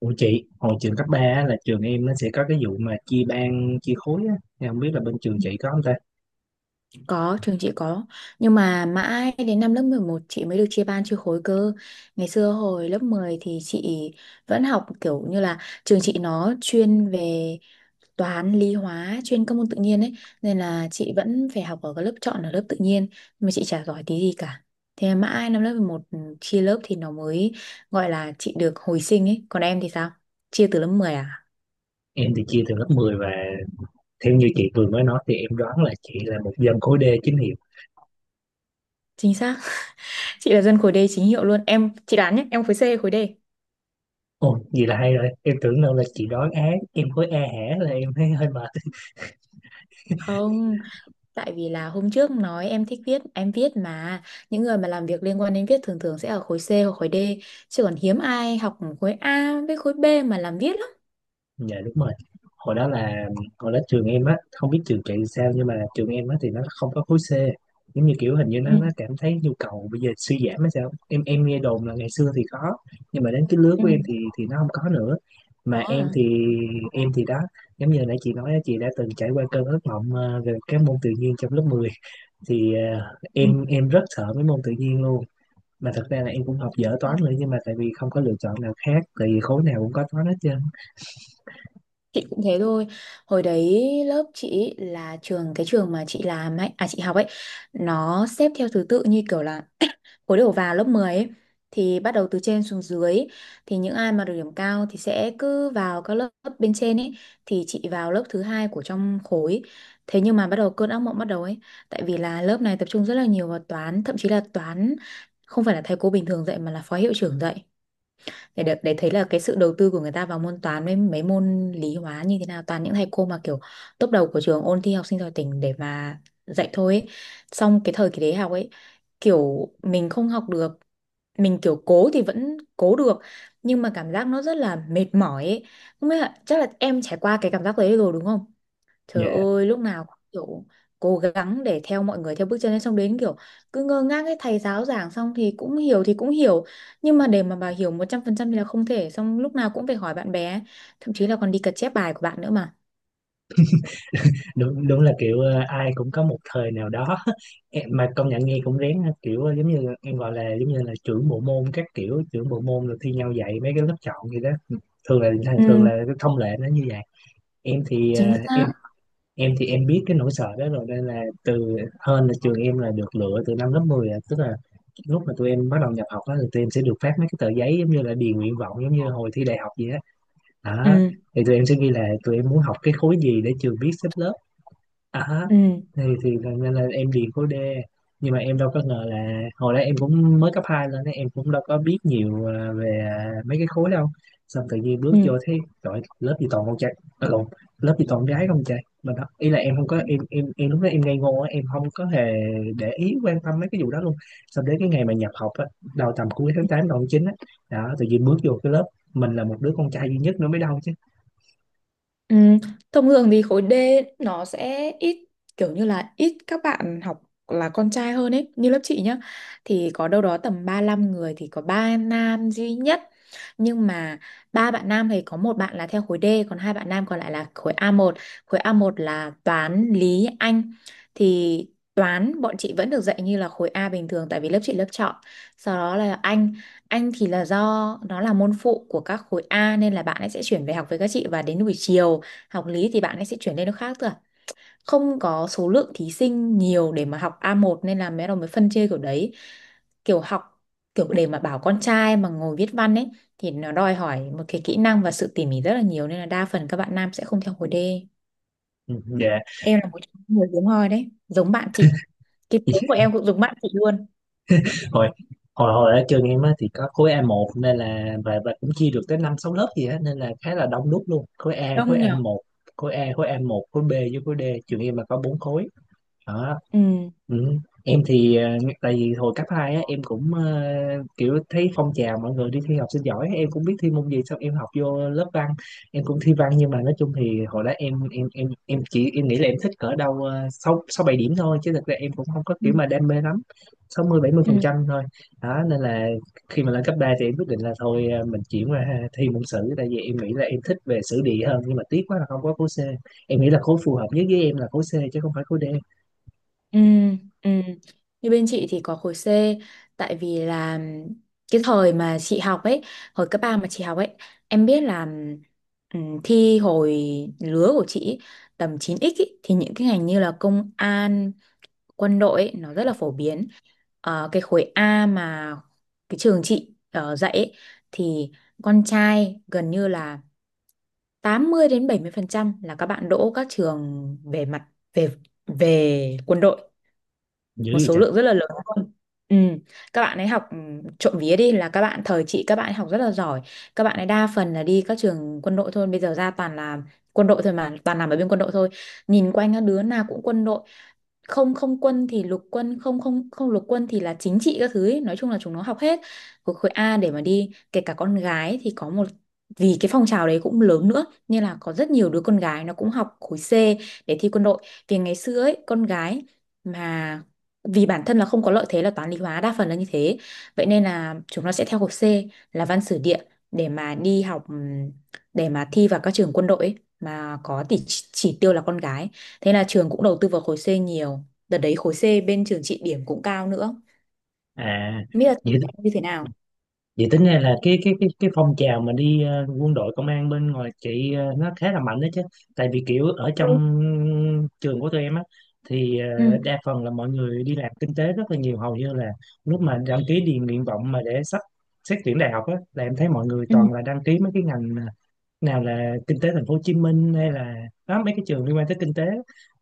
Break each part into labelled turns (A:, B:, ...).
A: Ủa chị, hồi trường cấp 3 á, là trường em nó sẽ có cái vụ mà chia ban, chia khối á. Em không biết là bên trường chị có không ta?
B: Có, trường chị có. Nhưng mà mãi đến năm lớp 11 chị mới được chia ban chia khối cơ. Ngày xưa hồi lớp 10 thì chị vẫn học kiểu như là trường chị nó chuyên về toán, lý hóa, chuyên các môn tự nhiên ấy. Nên là chị vẫn phải học ở cái lớp chọn ở lớp tự nhiên. Nhưng mà chị chả giỏi tí gì cả. Thế mà mãi năm lớp 11 chia lớp thì nó mới gọi là chị được hồi sinh ấy. Còn em thì sao? Chia từ lớp 10 à?
A: Em thì chia từ lớp 10 và theo như chị vừa mới nói thì em đoán là chị là một dân khối D chính hiệu.
B: Chính xác. Chị là dân khối D chính hiệu luôn. Em, chị đoán nhé, em khối C hay khối D?
A: Ồ, vậy là hay rồi. Em tưởng đâu là chị đoán á, em khối A hả là em thấy hơi mệt.
B: Không. Tại vì là hôm trước nói em thích viết, em viết mà những người mà làm việc liên quan đến viết thường thường sẽ ở khối C hoặc khối D, chứ còn hiếm ai học khối A với khối B mà làm viết lắm.
A: Dạ đúng rồi. Hồi đó là hồi đó trường em á, không biết trường chị sao nhưng mà trường em á thì nó không có khối C. Giống như kiểu hình như
B: Ừ.
A: nó cảm thấy nhu cầu bây giờ suy giảm hay sao. Em nghe đồn là ngày xưa thì có nhưng mà đến cái lứa
B: Ừ.
A: của em thì nó không có nữa. Mà
B: Đó à.
A: em thì đó, giống như hồi nãy chị nói á, chị đã từng trải qua cơn ác mộng về các môn tự nhiên trong lớp 10 thì em rất sợ mấy môn tự nhiên luôn. Mà thật ra là em cũng học dở
B: Ừ.
A: toán nữa nhưng mà tại vì không có lựa chọn nào khác tại vì khối nào cũng có toán hết trơn.
B: Chị cũng thế thôi. Hồi đấy lớp chị là trường cái trường mà chị làm ấy, à chị học ấy, nó xếp theo thứ tự như kiểu là khối đầu vào lớp 10 ấy, thì bắt đầu từ trên xuống dưới thì những ai mà được điểm cao thì sẽ cứ vào các lớp bên trên ấy, thì chị vào lớp thứ hai của trong khối. Thế nhưng mà bắt đầu cơn ác mộng bắt đầu ấy, tại vì là lớp này tập trung rất là nhiều vào toán, thậm chí là toán không phải là thầy cô bình thường dạy mà là phó hiệu trưởng dạy, để được để thấy là cái sự đầu tư của người ta vào môn toán với mấy môn lý hóa như thế nào, toàn những thầy cô mà kiểu top đầu của trường ôn thi học sinh giỏi tỉnh để mà dạy thôi ấy. Xong cái thời kỳ đấy học ấy, kiểu mình không học được, mình kiểu cố thì vẫn cố được nhưng mà cảm giác nó rất là mệt mỏi ấy. Không biết là, chắc là em trải qua cái cảm giác đấy rồi đúng không?
A: Dạ
B: Trời ơi lúc nào cũng kiểu cố gắng để theo mọi người theo bước chân ấy, xong đến kiểu cứ ngơ ngác ấy, thầy giáo giảng xong thì cũng hiểu nhưng mà để mà bà hiểu 100% thì là không thể, xong lúc nào cũng phải hỏi bạn bè ấy. Thậm chí là còn đi cật chép bài của bạn nữa mà.
A: đúng, đúng là kiểu ai cũng có một thời nào đó em mà công nhận nghe cũng rén ha. Kiểu giống như em gọi là giống như là trưởng bộ môn các kiểu trưởng bộ môn rồi thi nhau dạy mấy cái lớp chọn gì đó, thường là thường
B: Ừ,
A: là cái thông lệ nó như vậy. Em thì
B: chính xác.
A: em thì em biết cái nỗi sợ đó rồi nên là từ hơn là trường em là được lựa từ năm lớp 10 à. Tức là lúc mà tụi em bắt đầu nhập học đó, thì tụi em sẽ được phát mấy cái tờ giấy giống như là điền nguyện vọng giống như hồi thi đại học vậy á, đó.
B: Ừ,
A: Thì tụi em sẽ ghi là tụi em muốn học cái khối gì để trường biết xếp lớp. À,
B: ừ,
A: nên là em điền khối D, nhưng mà em đâu có ngờ là hồi đó em cũng mới cấp 2 lên ấy, em cũng đâu có biết nhiều à, về à, mấy cái khối đâu. Xong tự nhiên bước vô
B: ừ.
A: thấy trời, lớp gì toàn con trai, à, lộn, lớp gì toàn gái không trời. Mà đó ý là em không có lúc đó em ngây ngô á, em không có hề để ý quan tâm mấy cái vụ đó luôn. Xong đến cái ngày mà nhập học á, đầu tầm cuối tháng 8 đầu tháng 9 á, đó tự nhiên bước vô cái lớp mình là một đứa con trai duy nhất nữa mới đâu chứ.
B: Ừ, thông thường thì khối D nó sẽ ít, kiểu như là ít các bạn học là con trai hơn ấy, như lớp chị nhá thì có đâu đó tầm 35 người thì có ba nam duy nhất. Nhưng mà ba bạn nam thì có một bạn là theo khối D, còn hai bạn nam còn lại là khối A1. Khối a một là toán lý Anh, thì toán bọn chị vẫn được dạy như là khối A bình thường tại vì lớp chị lớp chọn, sau đó là Anh thì là do nó là môn phụ của các khối A nên là bạn ấy sẽ chuyển về học với các chị, và đến buổi chiều học lý thì bạn ấy sẽ chuyển lên, nó khác thôi à. Không có số lượng thí sinh nhiều để mà học A1 nên là mấy đồng mới phân chia kiểu đấy, kiểu học, kiểu để mà bảo con trai mà ngồi viết văn ấy thì nó đòi hỏi một cái kỹ năng và sự tỉ mỉ rất là nhiều, nên là đa phần các bạn nam sẽ không theo khối D.
A: Ừ, dạ.
B: Em là một trong những người hiếm hoi đấy, giống bạn chị. Cái tiếng của em cũng giống bạn chị luôn.
A: Hồi hồi hồi ở trường em á thì có khối A1 nên là và cũng chia được tới năm sáu lớp gì á nên là khá là đông đúc luôn. Khối A khối
B: Đông
A: a
B: nhở.
A: một khối A khối a một khối B với khối D, trường em là có bốn khối. Đó.
B: Ừ.
A: Ừ. Em thì tại vì hồi cấp 2 á em cũng kiểu thấy phong trào mọi người đi thi học sinh giỏi em cũng biết thi môn gì, xong em học vô lớp văn em cũng thi văn. Nhưng mà nói chung thì hồi đó em chỉ em nghĩ là em thích cỡ đâu sáu, sáu bảy điểm thôi chứ thực ra em cũng không có
B: Ừ.
A: kiểu mà đam mê lắm, sáu mươi bảy mươi
B: Ừ.
A: phần trăm thôi. Đó nên là khi mà lên cấp 3 thì em quyết định là thôi, mình chuyển qua thi môn sử tại vì em nghĩ là em thích về sử địa hơn, nhưng mà tiếc quá là không có khối C. Em nghĩ là khối phù hợp nhất với em là khối C chứ không phải khối D.
B: Ừ, ừ. Như bên chị thì có khối C, tại vì là cái thời mà chị học ấy, hồi cấp 3 mà chị học ấy, em biết là thi hồi lứa của chị ấy, tầm chín x ấy, thì những cái ngành như là công an, quân đội ấy, nó rất là phổ biến. Cái khối A mà cái trường chị dạy ấy, thì con trai gần như là 80 đến 70% là các bạn đỗ các trường về mặt về về quân đội,
A: Dữ
B: một số
A: vậy
B: lượng rất là lớn luôn. Ừ. Các bạn ấy học trộm vía đi là các bạn thời chị các bạn ấy học rất là giỏi, các bạn ấy đa phần là đi các trường quân đội thôi, bây giờ ra toàn là quân đội thôi, mà toàn làm ở bên quân đội thôi, nhìn quanh các đứa nào cũng quân đội, không không quân thì lục quân, không không không lục quân thì là chính trị các thứ ấy. Nói chung là chúng nó học hết khối khối A để mà đi, kể cả con gái thì có một, vì cái phong trào đấy cũng lớn nữa nên là có rất nhiều đứa con gái nó cũng học khối C để thi quân đội, vì ngày xưa ấy con gái mà vì bản thân là không có lợi thế là toán lý hóa đa phần là như thế, vậy nên là chúng nó sẽ theo khối C là văn sử địa để mà đi học, để mà thi vào các trường quân đội ấy, mà có tỷ chỉ tiêu là con gái. Thế là trường cũng đầu tư vào khối C nhiều. Đợt đấy khối C bên trường chị điểm cũng cao nữa.
A: à?
B: Không biết
A: Vậy,
B: là như thế nào?
A: tính ra là cái phong trào mà đi quân đội công an bên ngoài chị nó khá là mạnh đó chứ. Tại vì kiểu ở
B: Ừ.
A: trong trường của tụi em á thì
B: Ừ.
A: đa phần là mọi người đi làm kinh tế rất là nhiều, hầu như là lúc mà đăng ký điền nguyện vọng mà để sắp xét tuyển đại học á là em thấy mọi người
B: Ừ.
A: toàn là đăng ký mấy cái ngành nào là kinh tế thành phố Hồ Chí Minh hay là đó mấy cái trường liên quan tới kinh tế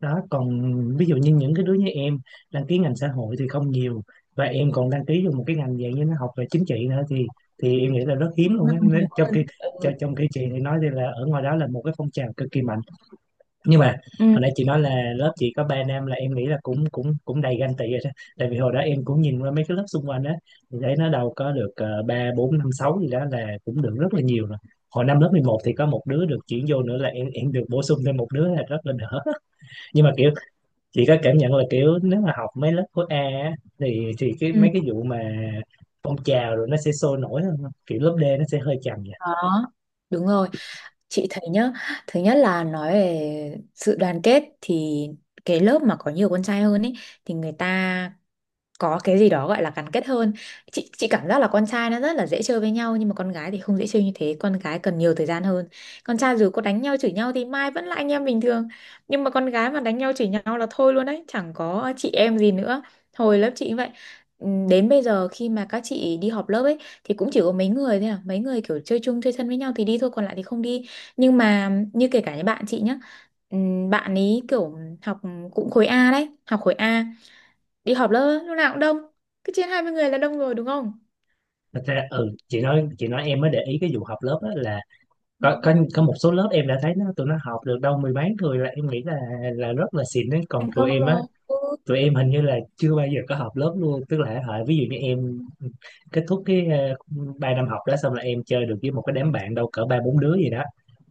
A: đó. Còn ví dụ như những cái đứa như em đăng ký ngành xã hội thì không nhiều, và em còn đăng ký vô một cái ngành dạng như nó học về chính trị nữa thì em nghĩ là rất hiếm luôn
B: Nó
A: á.
B: còn
A: Nên
B: nhiều
A: trong
B: hơn.
A: khi
B: Ừ.
A: trong khi chị thì nói thì là ở ngoài đó là một cái phong trào cực kỳ mạnh, nhưng mà
B: Ừ.
A: hồi nãy chị nói là lớp chị có ba nam là em nghĩ là cũng cũng cũng đầy ganh tị rồi đó. Tại vì hồi đó em cũng nhìn qua mấy cái lớp xung quanh á thì thấy nó đâu có được ba bốn năm sáu gì đó là cũng được rất là nhiều rồi. Hồi năm lớp 11 thì có một đứa được chuyển vô nữa là em được bổ sung thêm một đứa là rất là đỡ. Nhưng mà kiểu chị có cảm nhận là kiểu nếu mà học mấy lớp khối A á, thì cái
B: Ừ.
A: mấy cái vụ mà phong trào rồi nó sẽ sôi nổi hơn không? Kiểu lớp D nó sẽ hơi chậm vậy.
B: Đó. Đúng rồi. Chị thấy nhá, thứ nhất là nói về sự đoàn kết thì cái lớp mà có nhiều con trai hơn ấy thì người ta có cái gì đó gọi là gắn kết hơn. Chị cảm giác là con trai nó rất là dễ chơi với nhau, nhưng mà con gái thì không dễ chơi như thế, con gái cần nhiều thời gian hơn. Con trai dù có đánh nhau chửi nhau thì mai vẫn là anh em bình thường, nhưng mà con gái mà đánh nhau chửi nhau là thôi luôn đấy, chẳng có chị em gì nữa. Hồi lớp chị cũng vậy. Đến bây giờ khi mà các chị đi họp lớp ấy, thì cũng chỉ có mấy người thôi à, mấy người kiểu chơi chung chơi thân với nhau thì đi thôi, còn lại thì không đi. Nhưng mà như kể cả những bạn chị nhá, bạn ấy kiểu học cũng khối A đấy, học khối A, đi họp lớp á, lúc nào cũng đông, cứ trên 20 người là đông rồi đúng không.
A: Thật ra ừ, chị nói em mới để ý cái vụ học lớp á, là
B: Ừ,
A: có, có một số lớp em đã thấy nó tụi nó học được đâu mười mấy người là em nghĩ là rất là xịn đấy. Còn
B: thành công
A: tụi em á,
B: rồi ừ.
A: tụi em hình như là chưa bao giờ có học lớp luôn, tức là hả, ví dụ như em kết thúc cái ba năm học đó xong là em chơi được với một cái đám bạn đâu cỡ ba bốn đứa gì đó,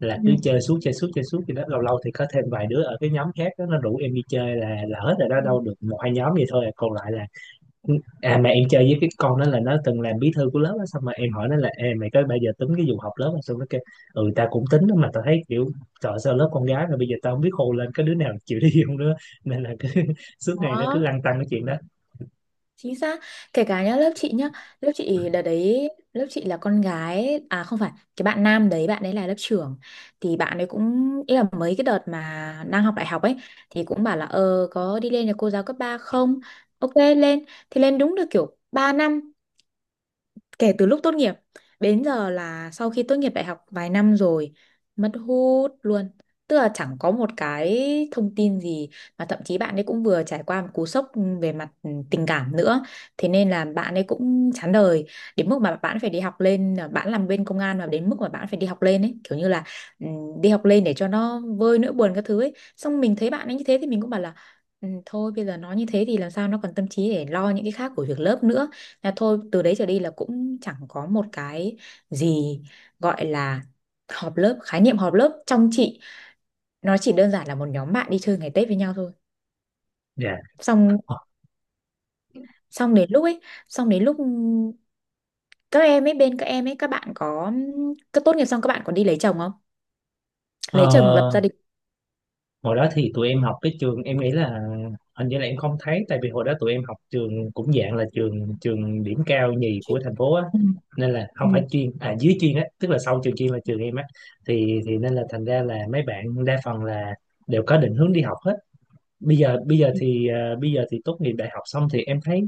A: là cứ
B: Ừ.
A: chơi suốt chơi suốt chơi suốt gì đó. Lâu lâu thì có thêm vài đứa ở cái nhóm khác đó, nó rủ em đi chơi là hết rồi đó,
B: Ừ.
A: đâu được một hai nhóm gì thôi à. Còn lại là à, mà em chơi với cái con đó là nó từng làm bí thư của lớp á, xong mà em hỏi nó là "Ê, mày có bao giờ tính cái vụ học lớp không?" xong nó kêu ừ tao cũng tính đó, mà tao thấy kiểu trời ơi, sao lớp con gái mà bây giờ tao không biết khô lên có đứa nào chịu đi không nữa. Nên là cứ suốt ngày nó cứ
B: Đó,
A: lăn tăn cái chuyện đó.
B: chính xác. Kể cả nhá lớp chị nhá, lớp chị đợt đấy lớp chị là con gái à không phải cái bạn nam đấy bạn ấy là lớp trưởng, thì bạn ấy cũng, ý là mấy cái đợt mà đang học đại học ấy, thì cũng bảo là ờ có đi lên nhà cô giáo cấp 3 không, ok lên, thì lên đúng được kiểu 3 năm. Kể từ lúc tốt nghiệp đến giờ là sau khi tốt nghiệp đại học vài năm rồi, mất hút luôn, tức là chẳng có một cái thông tin gì. Mà thậm chí bạn ấy cũng vừa trải qua một cú sốc về mặt tình cảm nữa, thế nên là bạn ấy cũng chán đời đến mức mà bạn phải đi học lên, à, bạn làm bên công an mà đến mức mà bạn phải đi học lên ấy, kiểu như là đi học lên để cho nó vơi nỗi buồn các thứ ấy, xong mình thấy bạn ấy như thế thì mình cũng bảo là "Ừ, thôi bây giờ nó như thế thì làm sao nó còn tâm trí để lo những cái khác của việc lớp nữa, là thôi từ đấy trở đi là cũng chẳng có một cái gì gọi là họp lớp, khái niệm họp lớp trong chị nó chỉ đơn giản là một nhóm bạn đi chơi ngày Tết với nhau thôi.
A: Dạ.
B: Xong xong đến lúc ấy, xong đến lúc các em ấy bên các em ấy các bạn có cứ tốt nghiệp xong các bạn còn đi lấy chồng không?
A: Ờ,
B: Lấy chồng lập gia đình.
A: hồi đó thì tụi em học cái trường em nghĩ là hình như là em không thấy, tại vì hồi đó tụi em học trường cũng dạng là trường trường điểm cao nhì
B: Chị-
A: của thành phố á,
B: Ừ.
A: nên là
B: Ừ.
A: không phải chuyên à, dưới chuyên á, tức là sau trường chuyên là trường em á. Thì nên là thành ra là mấy bạn đa phần là đều có định hướng đi học hết.
B: Ừ.
A: Bây giờ thì tốt nghiệp đại học xong thì em thấy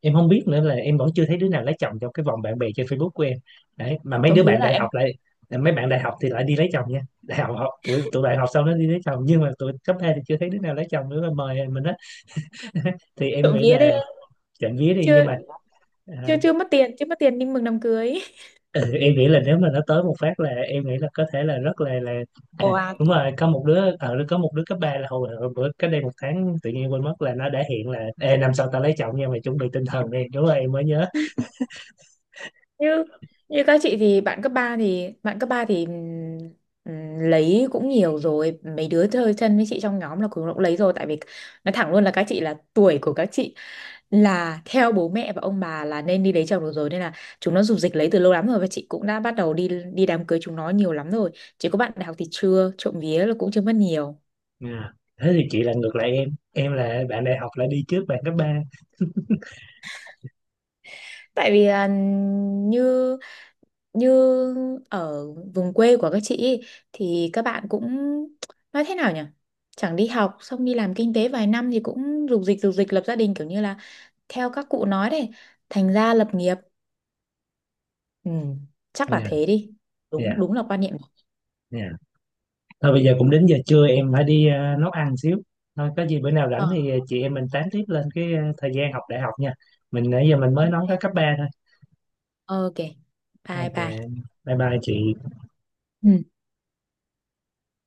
A: em không biết nữa, là em vẫn chưa thấy đứa nào lấy chồng trong cái vòng bạn bè trên Facebook của em đấy. Mà
B: Trộm vía là em,
A: mấy bạn đại học thì lại đi lấy chồng nha, đại học học tụi tụi bạn học xong nó đi lấy chồng, nhưng mà tụi cấp 2 thì chưa thấy đứa nào lấy chồng nữa mà mời mình đó. Thì em
B: trộm
A: nghĩ
B: vía đấy,
A: là trộm vía đi nhưng
B: chưa
A: mà
B: chưa
A: à,
B: chưa mất tiền, chưa mất tiền nhưng mừng đám cưới.
A: ừ, em nghĩ là nếu mà nó tới một phát là em nghĩ là có thể là rất là
B: Ồ,
A: à, đúng rồi, có một đứa ở có một đứa cấp 3 là hồi, hồi bữa cách đây một tháng tự nhiên quên mất là nó đã hiện là "Ê, năm sau tao lấy chồng nha, mày chuẩn bị tinh thần đi," đúng rồi em mới nhớ.
B: như như các chị thì bạn cấp 3 thì lấy cũng nhiều rồi, mấy đứa chơi thân với chị trong nhóm là cũng cũng lấy rồi, tại vì nói thẳng luôn là các chị là tuổi của các chị là theo bố mẹ và ông bà là nên đi lấy chồng được rồi, nên là chúng nó rục rịch lấy từ lâu lắm rồi, và chị cũng đã bắt đầu đi đi đám cưới chúng nó nhiều lắm rồi. Chỉ có bạn đại học thì chưa, trộm vía là cũng chưa mất nhiều.
A: Dạ. Thế thì chị là ngược lại em là bạn đại học lại đi trước bạn cấp ba.
B: Tại vì là như như ở vùng quê của các chị ý, thì các bạn cũng nói thế nào nhỉ, chẳng đi học xong đi làm kinh tế vài năm thì cũng rục dịch lập gia đình, kiểu như là theo các cụ nói đấy, thành gia lập nghiệp. Ừ, chắc là
A: Dạ.
B: thế đi. Đúng
A: dạ
B: đúng là quan niệm.
A: dạ thôi bây giờ cũng đến giờ trưa em phải đi nấu ăn xíu. Thôi có gì bữa nào
B: Ờ,
A: rảnh thì chị em mình tán tiếp lên cái thời gian học đại học nha, mình nãy giờ mình mới nói
B: ok.
A: có cấp ba thôi.
B: Ok.
A: Thôi
B: Bye
A: thì,
B: bye.
A: dạ. Bye bye chị.
B: Ừ.